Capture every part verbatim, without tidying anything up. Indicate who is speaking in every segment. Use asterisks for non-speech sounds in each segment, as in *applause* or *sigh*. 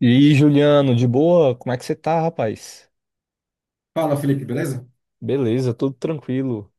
Speaker 1: E aí, Juliano, de boa? Como é que você tá, rapaz?
Speaker 2: Fala, Felipe, beleza?
Speaker 1: Beleza, tudo tranquilo.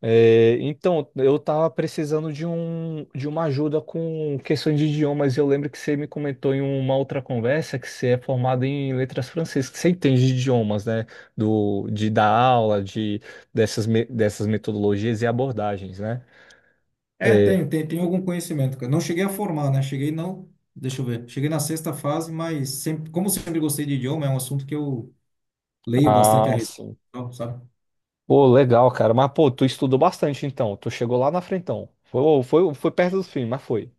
Speaker 1: É, então, eu tava precisando de um, de uma ajuda com questões de idiomas. Eu lembro que você me comentou em uma outra conversa que você é formado em letras francesas, que você entende de idiomas, né? Do, de dar aula, de, dessas, me- dessas metodologias e abordagens, né?
Speaker 2: É,
Speaker 1: É,
Speaker 2: tenho, tenho, tenho algum conhecimento, cara. Não cheguei a formar, né? Cheguei não, deixa eu ver. Cheguei na sexta fase, mas sempre, como sempre gostei de idioma, é um assunto que eu leio bastante a
Speaker 1: ah,
Speaker 2: respeito,
Speaker 1: sim.
Speaker 2: e tal, sabe?
Speaker 1: Pô, legal, cara. Mas, pô, tu estudou bastante, então. Tu chegou lá na frentão. Foi, foi, foi perto do fim, mas foi.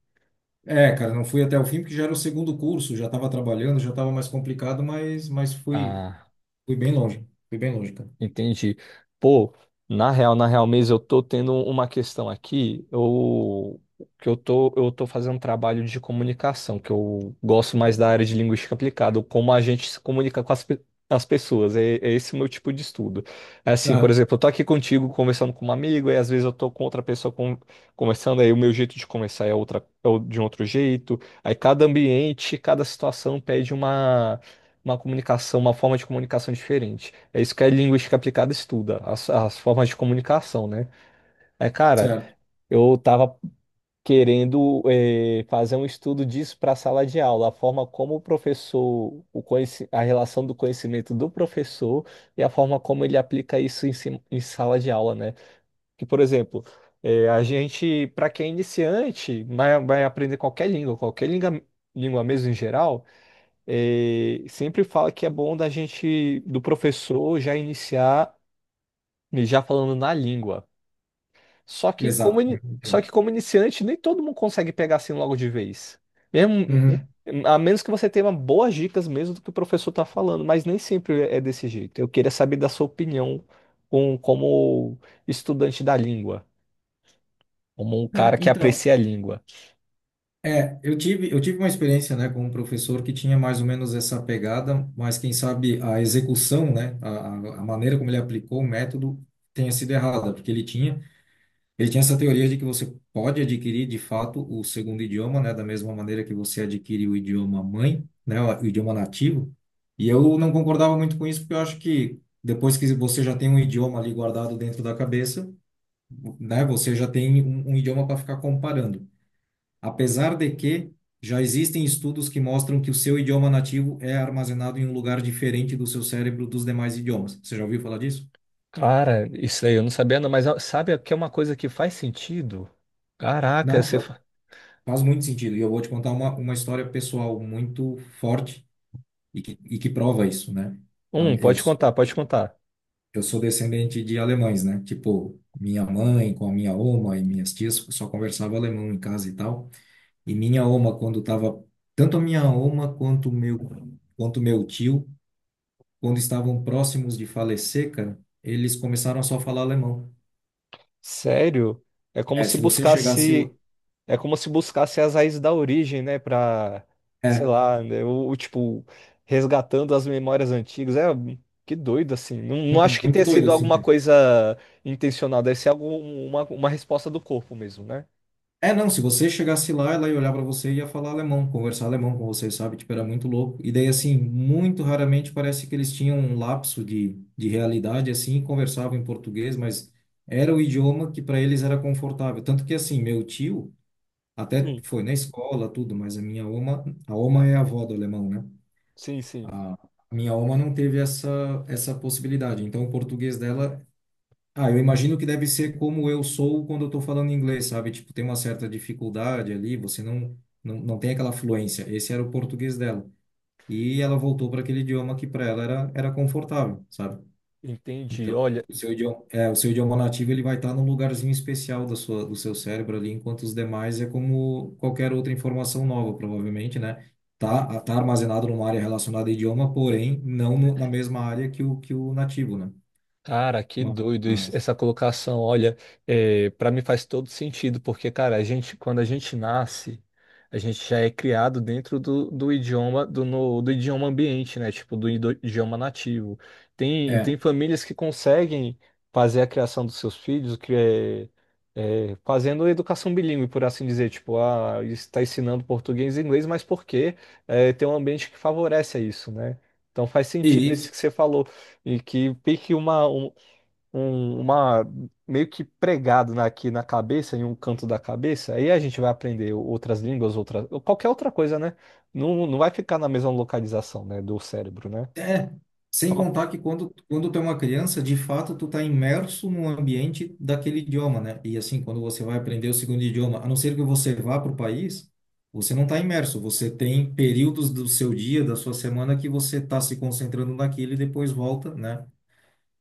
Speaker 2: É, cara, não fui até o fim porque já era o segundo curso, já estava trabalhando, já estava mais complicado, mas mas fui
Speaker 1: Ah.
Speaker 2: fui bem longe, fui bem longe, cara.
Speaker 1: Entendi. Pô, na real, na real mesmo, eu tô tendo uma questão aqui, eu, que eu tô, eu tô fazendo um trabalho de comunicação, que eu gosto mais da área de linguística aplicada, como a gente se comunica com as, pe- as pessoas, é, é esse o meu tipo de estudo. É assim, por
Speaker 2: Ah,
Speaker 1: exemplo, eu tô aqui contigo conversando com um amigo, e às vezes eu tô com outra pessoa con- conversando, aí o meu jeito de conversar é outra, é o- de um outro jeito, aí cada ambiente, cada situação pede uma uma comunicação, uma forma de comunicação diferente. É isso que a linguística aplicada estuda, as, as formas de comunicação, né? É, cara,
Speaker 2: certo.
Speaker 1: eu tava querendo eh, fazer um estudo disso para a sala de aula, a forma como o professor, o conheci- a relação do conhecimento do professor e a forma como ele aplica isso em, si- em sala de aula, né? Que, por exemplo, eh, a gente, para quem é iniciante, vai, vai aprender qualquer língua, qualquer língua, língua mesmo em geral, eh, sempre fala que é bom da gente, do professor, já iniciar, né, já falando na língua. Só que como,
Speaker 2: Exato.
Speaker 1: ini- só
Speaker 2: Entendo.
Speaker 1: que como iniciante, nem todo mundo consegue pegar assim logo de vez. Mesmo,
Speaker 2: Uhum.
Speaker 1: a menos que você tenha boas dicas mesmo do que o professor está falando, mas nem sempre é é desse jeito. Eu queria saber da sua opinião com, como estudante da língua. Como um
Speaker 2: Cara,
Speaker 1: cara que
Speaker 2: então,
Speaker 1: aprecia a língua.
Speaker 2: é, eu tive, eu tive uma experiência, né, com um professor que tinha mais ou menos essa pegada, mas quem sabe a execução, né, a, a a maneira como ele aplicou o método tenha sido errada, porque ele tinha, ele tinha essa teoria de que você pode adquirir, de fato, o segundo idioma, né, da mesma maneira que você adquire o idioma mãe, né, o idioma nativo. E eu não concordava muito com isso, porque eu acho que depois que você já tem um idioma ali guardado dentro da cabeça, né, você já tem um, um idioma para ficar comparando, apesar de que já existem estudos que mostram que o seu idioma nativo é armazenado em um lugar diferente do seu cérebro dos demais idiomas. Você já ouviu falar disso?
Speaker 1: Cara, isso aí eu não sabia, não, mas sabe que é uma coisa que faz sentido? Caraca,
Speaker 2: Não,
Speaker 1: você.
Speaker 2: fa- faz muito sentido. E eu vou te contar uma, uma história pessoal muito forte e que, e que prova isso, né? A-
Speaker 1: Hum,
Speaker 2: Eu
Speaker 1: pode contar,
Speaker 2: sou,
Speaker 1: pode contar.
Speaker 2: eu sou descendente de alemães, né? Tipo, minha mãe com a minha oma e minhas tias só conversava alemão em casa e tal. E minha oma, quando tava tanto a minha oma quanto o meu, quanto o meu tio, quando estavam próximos de falecer, cara, eles começaram a só falar alemão.
Speaker 1: Sério? É como
Speaker 2: É,
Speaker 1: se
Speaker 2: se você chegasse lá.
Speaker 1: buscasse, é como se buscasse as raízes da origem, né? Pra, sei
Speaker 2: É,
Speaker 1: lá, né, o o tipo, resgatando as memórias antigas. É, que doido assim. Não, não
Speaker 2: mu-
Speaker 1: acho que
Speaker 2: muito
Speaker 1: tenha
Speaker 2: doido
Speaker 1: sido
Speaker 2: assim,
Speaker 1: alguma
Speaker 2: cara.
Speaker 1: coisa intencional, deve ser alguma uma, uma resposta do corpo mesmo, né?
Speaker 2: É, não, se você chegasse lá, ela ia olhar pra você e ia falar alemão, conversar alemão com você, sabe? Tipo, era muito louco. E daí, assim, muito raramente parece que eles tinham um lapso de, de realidade, assim, e conversavam em português, mas era o idioma que para eles era confortável. Tanto que, assim, meu tio até
Speaker 1: Sim,
Speaker 2: foi na escola, tudo, mas a minha oma, a oma é a avó do alemão, né?
Speaker 1: sim, sim.
Speaker 2: A minha alma não teve essa, essa possibilidade. Então, o português dela. Ah, eu imagino que deve ser como eu sou quando eu estou falando inglês, sabe? Tipo, tem uma certa dificuldade ali, você não, não, não tem aquela fluência. Esse era o português dela. E ela voltou para aquele idioma que para ela era, era confortável, sabe?
Speaker 1: Entendi.
Speaker 2: Então,
Speaker 1: Olha.
Speaker 2: o seu idioma, é, o seu idioma nativo ele vai estar num lugarzinho especial da sua, do seu cérebro ali, enquanto os demais é como qualquer outra informação nova, provavelmente, né? Tá, tá armazenado numa área relacionada a idioma, porém não no, na mesma área que o, que o nativo, né?
Speaker 1: Cara, que doido isso,
Speaker 2: Mas,
Speaker 1: essa colocação. Olha, é, para mim faz todo sentido, porque, cara, a gente, quando a gente nasce, a gente já é criado dentro do, do idioma do, no- do idioma ambiente, né? Tipo, do, ido- idioma nativo. Tem,
Speaker 2: é.
Speaker 1: tem famílias que conseguem fazer a criação dos seus filhos, que é, é, fazendo educação bilíngue, por assim dizer. Tipo, ah, está ensinando português e inglês, mas porque é, tem um ambiente que favorece a isso, né? Então faz sentido
Speaker 2: E
Speaker 1: isso que você falou. E que fique uma, um, um- uma meio que pregado na- aqui na cabeça, em um canto da cabeça, aí a gente vai aprender outras línguas, outra, qualquer outra coisa, né? Não, não vai ficar na mesma localização, né, do cérebro, né?
Speaker 2: É, sem
Speaker 1: Ó,
Speaker 2: contar que quando, quando tu é uma criança, de fato tu tá imerso no ambiente daquele idioma, né? E assim, quando você vai aprender o segundo idioma, a não ser que você vá para o país, você não tá imerso, você tem períodos do seu dia, da sua semana que você tá se concentrando naquilo e depois volta, né?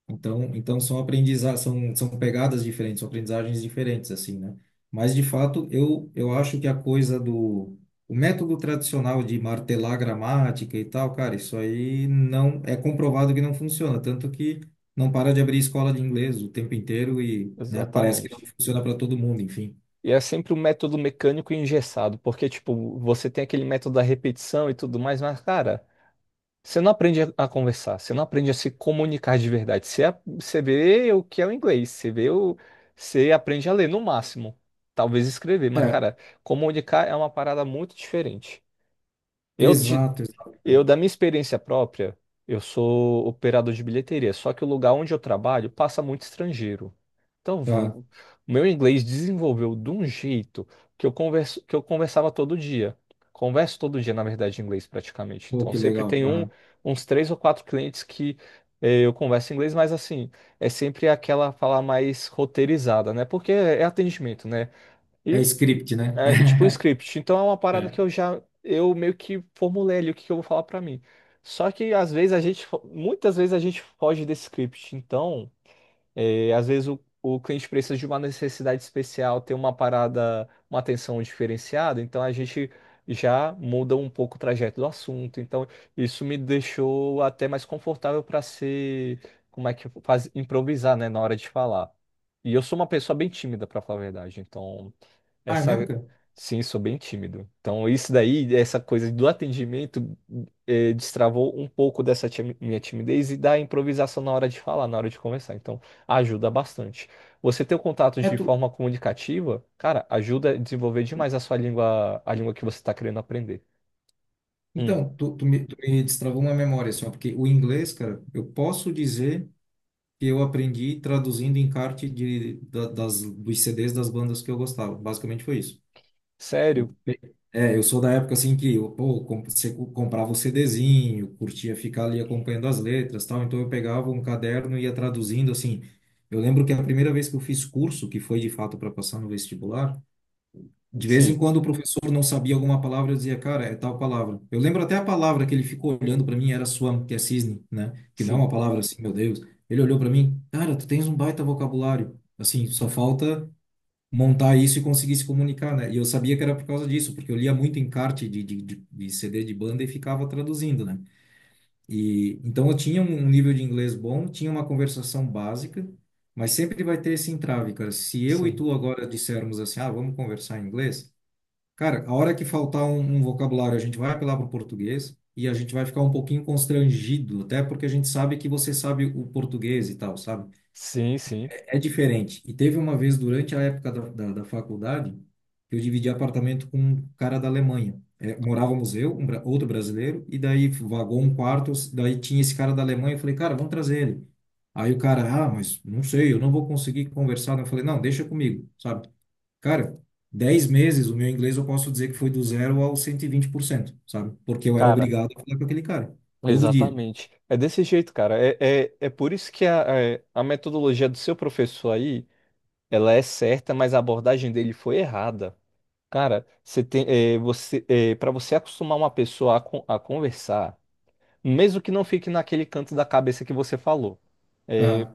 Speaker 2: Então, então, são aprendiza são, são pegadas diferentes, são aprendizagens diferentes, assim, né? Mas, de fato, eu, eu acho que a coisa do... o método tradicional de martelar a gramática e tal, cara, isso aí não... É comprovado que não funciona, tanto que não para de abrir escola de inglês o tempo inteiro e, né, parece que não
Speaker 1: exatamente.
Speaker 2: funciona para todo mundo, enfim.
Speaker 1: E é sempre um método mecânico e engessado, porque, tipo, você tem aquele método da repetição e tudo mais, mas, cara. Você não aprende a a conversar, você não aprende a se comunicar de verdade. Você, a- você vê o que é o inglês, você vê o, você aprende a ler no máximo, talvez escrever, mas
Speaker 2: É,
Speaker 1: cara, comunicar é uma parada muito diferente. Eu,
Speaker 2: exato, exato.
Speaker 1: eu, da minha experiência própria, eu sou operador de bilheteria, só que o lugar onde eu trabalho passa muito estrangeiro. Então,
Speaker 2: Ah,
Speaker 1: vo- o meu inglês desenvolveu de um jeito que eu converso, que eu conversava todo dia. Converso todo dia, na verdade, em inglês praticamente.
Speaker 2: pô,
Speaker 1: Então,
Speaker 2: que
Speaker 1: sempre
Speaker 2: legal.
Speaker 1: tem um,
Speaker 2: Aham.
Speaker 1: uns três ou quatro clientes que eh, eu converso em inglês, mas assim, é sempre aquela fala mais roteirizada, né? Porque é atendimento, né?
Speaker 2: É
Speaker 1: E
Speaker 2: script, né?
Speaker 1: é, tipo um
Speaker 2: *laughs*
Speaker 1: script. Então é uma parada
Speaker 2: É.
Speaker 1: que eu já. Eu meio que formulei ali o que que eu vou falar pra mim. Só que às vezes a gente, fo- muitas vezes a gente foge desse script. Então, é, às vezes o, o cliente precisa de uma necessidade especial, ter uma parada, uma atenção diferenciada. Então a gente já muda um pouco o trajeto do assunto. Então isso me deixou até mais confortável para ser. Como é que faz? Improvisar, né? Na hora de falar. E eu sou uma pessoa bem tímida, pra falar a verdade. Então.
Speaker 2: Ah, é
Speaker 1: Essa,
Speaker 2: mesmo, cara?
Speaker 1: sim, sou bem tímido. Então, isso daí, essa coisa do atendimento, eh, destravou um pouco dessa timi- minha timidez e da improvisação na hora de falar, na hora de conversar. Então, ajuda bastante. Você ter o contato
Speaker 2: É
Speaker 1: de
Speaker 2: tu,
Speaker 1: forma comunicativa, cara, ajuda a desenvolver demais a sua língua, a língua que você está querendo aprender. Hum,
Speaker 2: Então, tu, tu me, tu me destravou uma memória, assim, ó, porque o inglês, cara, eu posso dizer que eu aprendi traduzindo encarte de, da- das, dos C Ds das bandas que eu gostava. Basicamente foi isso.
Speaker 1: sério?
Speaker 2: Eu pe- é, eu sou da época, assim, que eu, pô, com- você co- comprava o CDzinho, curtia ficar ali acompanhando as letras, tal, então eu pegava um caderno e ia traduzindo, assim. Eu lembro que a primeira vez que eu fiz curso, que foi de fato para passar no vestibular, de vez em
Speaker 1: Sim,
Speaker 2: quando o professor não sabia alguma palavra, eu dizia, cara, é tal palavra. Eu lembro até a palavra que ele ficou olhando para mim era swam, que é cisne, né? Que não é uma
Speaker 1: sim,
Speaker 2: palavra assim, meu Deus. Ele olhou para mim, cara, tu tens um baita vocabulário. Assim, só falta montar isso e conseguir se comunicar, né? E eu sabia que era por causa disso, porque eu lia muito encarte de, de, de, de C D de banda e ficava traduzindo, né? E então eu tinha um um nível de inglês bom, tinha uma conversação básica, mas sempre vai ter esse entrave, cara. Se eu e
Speaker 1: sim.
Speaker 2: tu agora dissermos assim, ah, vamos conversar em inglês. Cara, a hora que faltar um, um vocabulário, a gente vai apelar para o português e a gente vai ficar um pouquinho constrangido, até porque a gente sabe que você sabe o português e tal, sabe?
Speaker 1: Sim, sim.
Speaker 2: É diferente. E teve uma vez durante a época da, da, da faculdade que eu dividi apartamento com um cara da Alemanha. É, morávamos eu, um, bra- outro brasileiro, e daí vagou um quarto, daí tinha esse cara da Alemanha. Eu falei, cara, vamos trazer ele. Aí o cara, ah, mas não sei, eu não vou conseguir conversar. Eu falei, não, deixa comigo, sabe? Cara, dez meses, o meu inglês eu posso dizer que foi do zero ao cento e vinte por cento, sabe? Porque eu era
Speaker 1: Cara,
Speaker 2: obrigado a falar com aquele cara, todo dia.
Speaker 1: exatamente. É desse jeito, cara. É, é, é por isso que a, é, a metodologia do seu professor aí, ela é certa, mas a abordagem dele foi errada. Cara, você tem, eh, você, para você acostumar uma pessoa a, con- a conversar, mesmo que não fique naquele canto da cabeça que você falou, eh,
Speaker 2: Ah,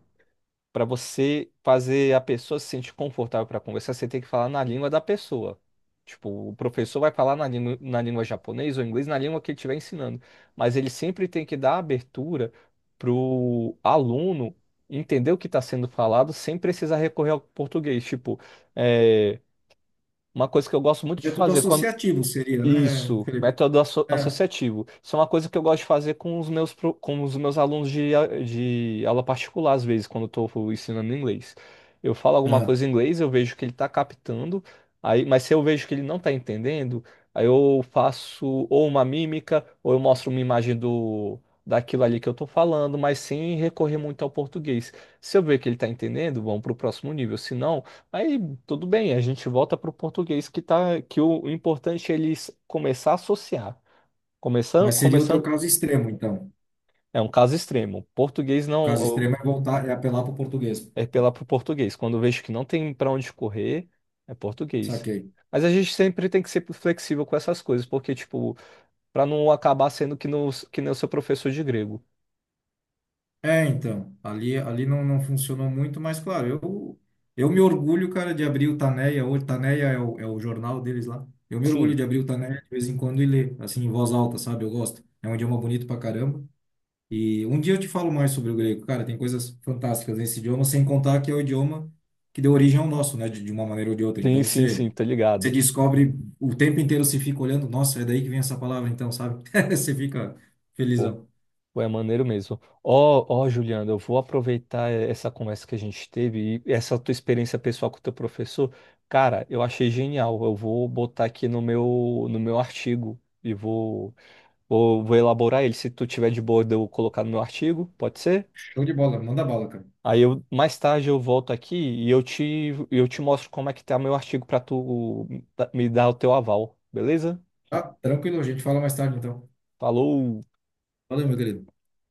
Speaker 1: para você fazer a pessoa se sentir confortável para conversar, você tem que falar na língua da pessoa. Tipo, o professor vai falar na língua, na língua japonês ou inglês, na língua que ele estiver ensinando. Mas ele sempre tem que dar abertura para o aluno entender o que está sendo falado sem precisar recorrer ao português. Tipo, é, uma coisa que eu gosto muito de
Speaker 2: é tudo
Speaker 1: fazer, quando
Speaker 2: associativo, seria, né,
Speaker 1: isso,
Speaker 2: Felipe?
Speaker 1: método asso-
Speaker 2: É.
Speaker 1: associativo. Isso é uma coisa que eu gosto de fazer com os meus, pro- com os meus alunos de, a- de aula particular, às vezes, quando eu estou ensinando inglês. Eu falo alguma
Speaker 2: Ah,
Speaker 1: coisa em inglês, eu vejo que ele está captando, aí, mas se eu vejo que ele não está entendendo, aí eu faço ou uma mímica, ou eu mostro uma imagem do, daquilo ali que eu estou falando, mas sem recorrer muito ao português. Se eu ver que ele está entendendo, vamos para o próximo nível. Se não, aí, tudo bem, a gente volta para o português que tá, que o importante é eles começar a associar. Começando,
Speaker 2: mas seria o teu
Speaker 1: começando,
Speaker 2: caso extremo, então.
Speaker 1: é um caso extremo. Português
Speaker 2: O
Speaker 1: não,
Speaker 2: caso extremo
Speaker 1: eu-
Speaker 2: é voltar, é apelar para o português.
Speaker 1: é pela pro português. Quando eu vejo que não tem para onde correr, é português.
Speaker 2: Saquei.
Speaker 1: Mas a gente sempre tem que ser flexível com essas coisas, porque, tipo, para não acabar sendo que, no, que nem o seu professor de grego.
Speaker 2: É, então, ali, ali não, não funcionou muito, mas claro, eu, eu me orgulho, cara, de abrir o Taneia, hoje Taneia é o, é o jornal deles lá. Eu me orgulho
Speaker 1: Sim,
Speaker 2: de abrir o Taneia de vez em quando e ler, assim, em voz alta, sabe? Eu gosto. É um idioma bonito pra caramba. E um dia eu te falo mais sobre o grego. Cara, tem coisas fantásticas nesse idioma, sem contar que é o idioma que deu origem ao nosso, né? De, de uma maneira ou de outra.
Speaker 1: sim,
Speaker 2: Então
Speaker 1: sim,
Speaker 2: você,
Speaker 1: sim, tá
Speaker 2: você
Speaker 1: ligado.
Speaker 2: descobre o tempo inteiro, se fica olhando, nossa, é daí que vem essa palavra, então, sabe? *laughs* Você fica
Speaker 1: Pô.
Speaker 2: felizão.
Speaker 1: Pô, é maneiro mesmo. Ó, ó, Juliana, eu vou aproveitar eh, essa conversa que a gente teve e essa tua experiência pessoal com o teu professor. Cara, eu achei genial. Eu vou botar aqui no meu, no meu artigo e vou, vou, vou elaborar ele. Se tu tiver de boa, de eu colocar no meu artigo, pode ser?
Speaker 2: Show de bola, manda bala, cara.
Speaker 1: Aí eu, mais tarde eu volto aqui e eu te, eu te mostro como é que tá meu artigo para tu me dar o teu aval, beleza?
Speaker 2: Tá? Tranquilo, a gente fala mais tarde, então.
Speaker 1: Falou!
Speaker 2: Valeu, meu querido.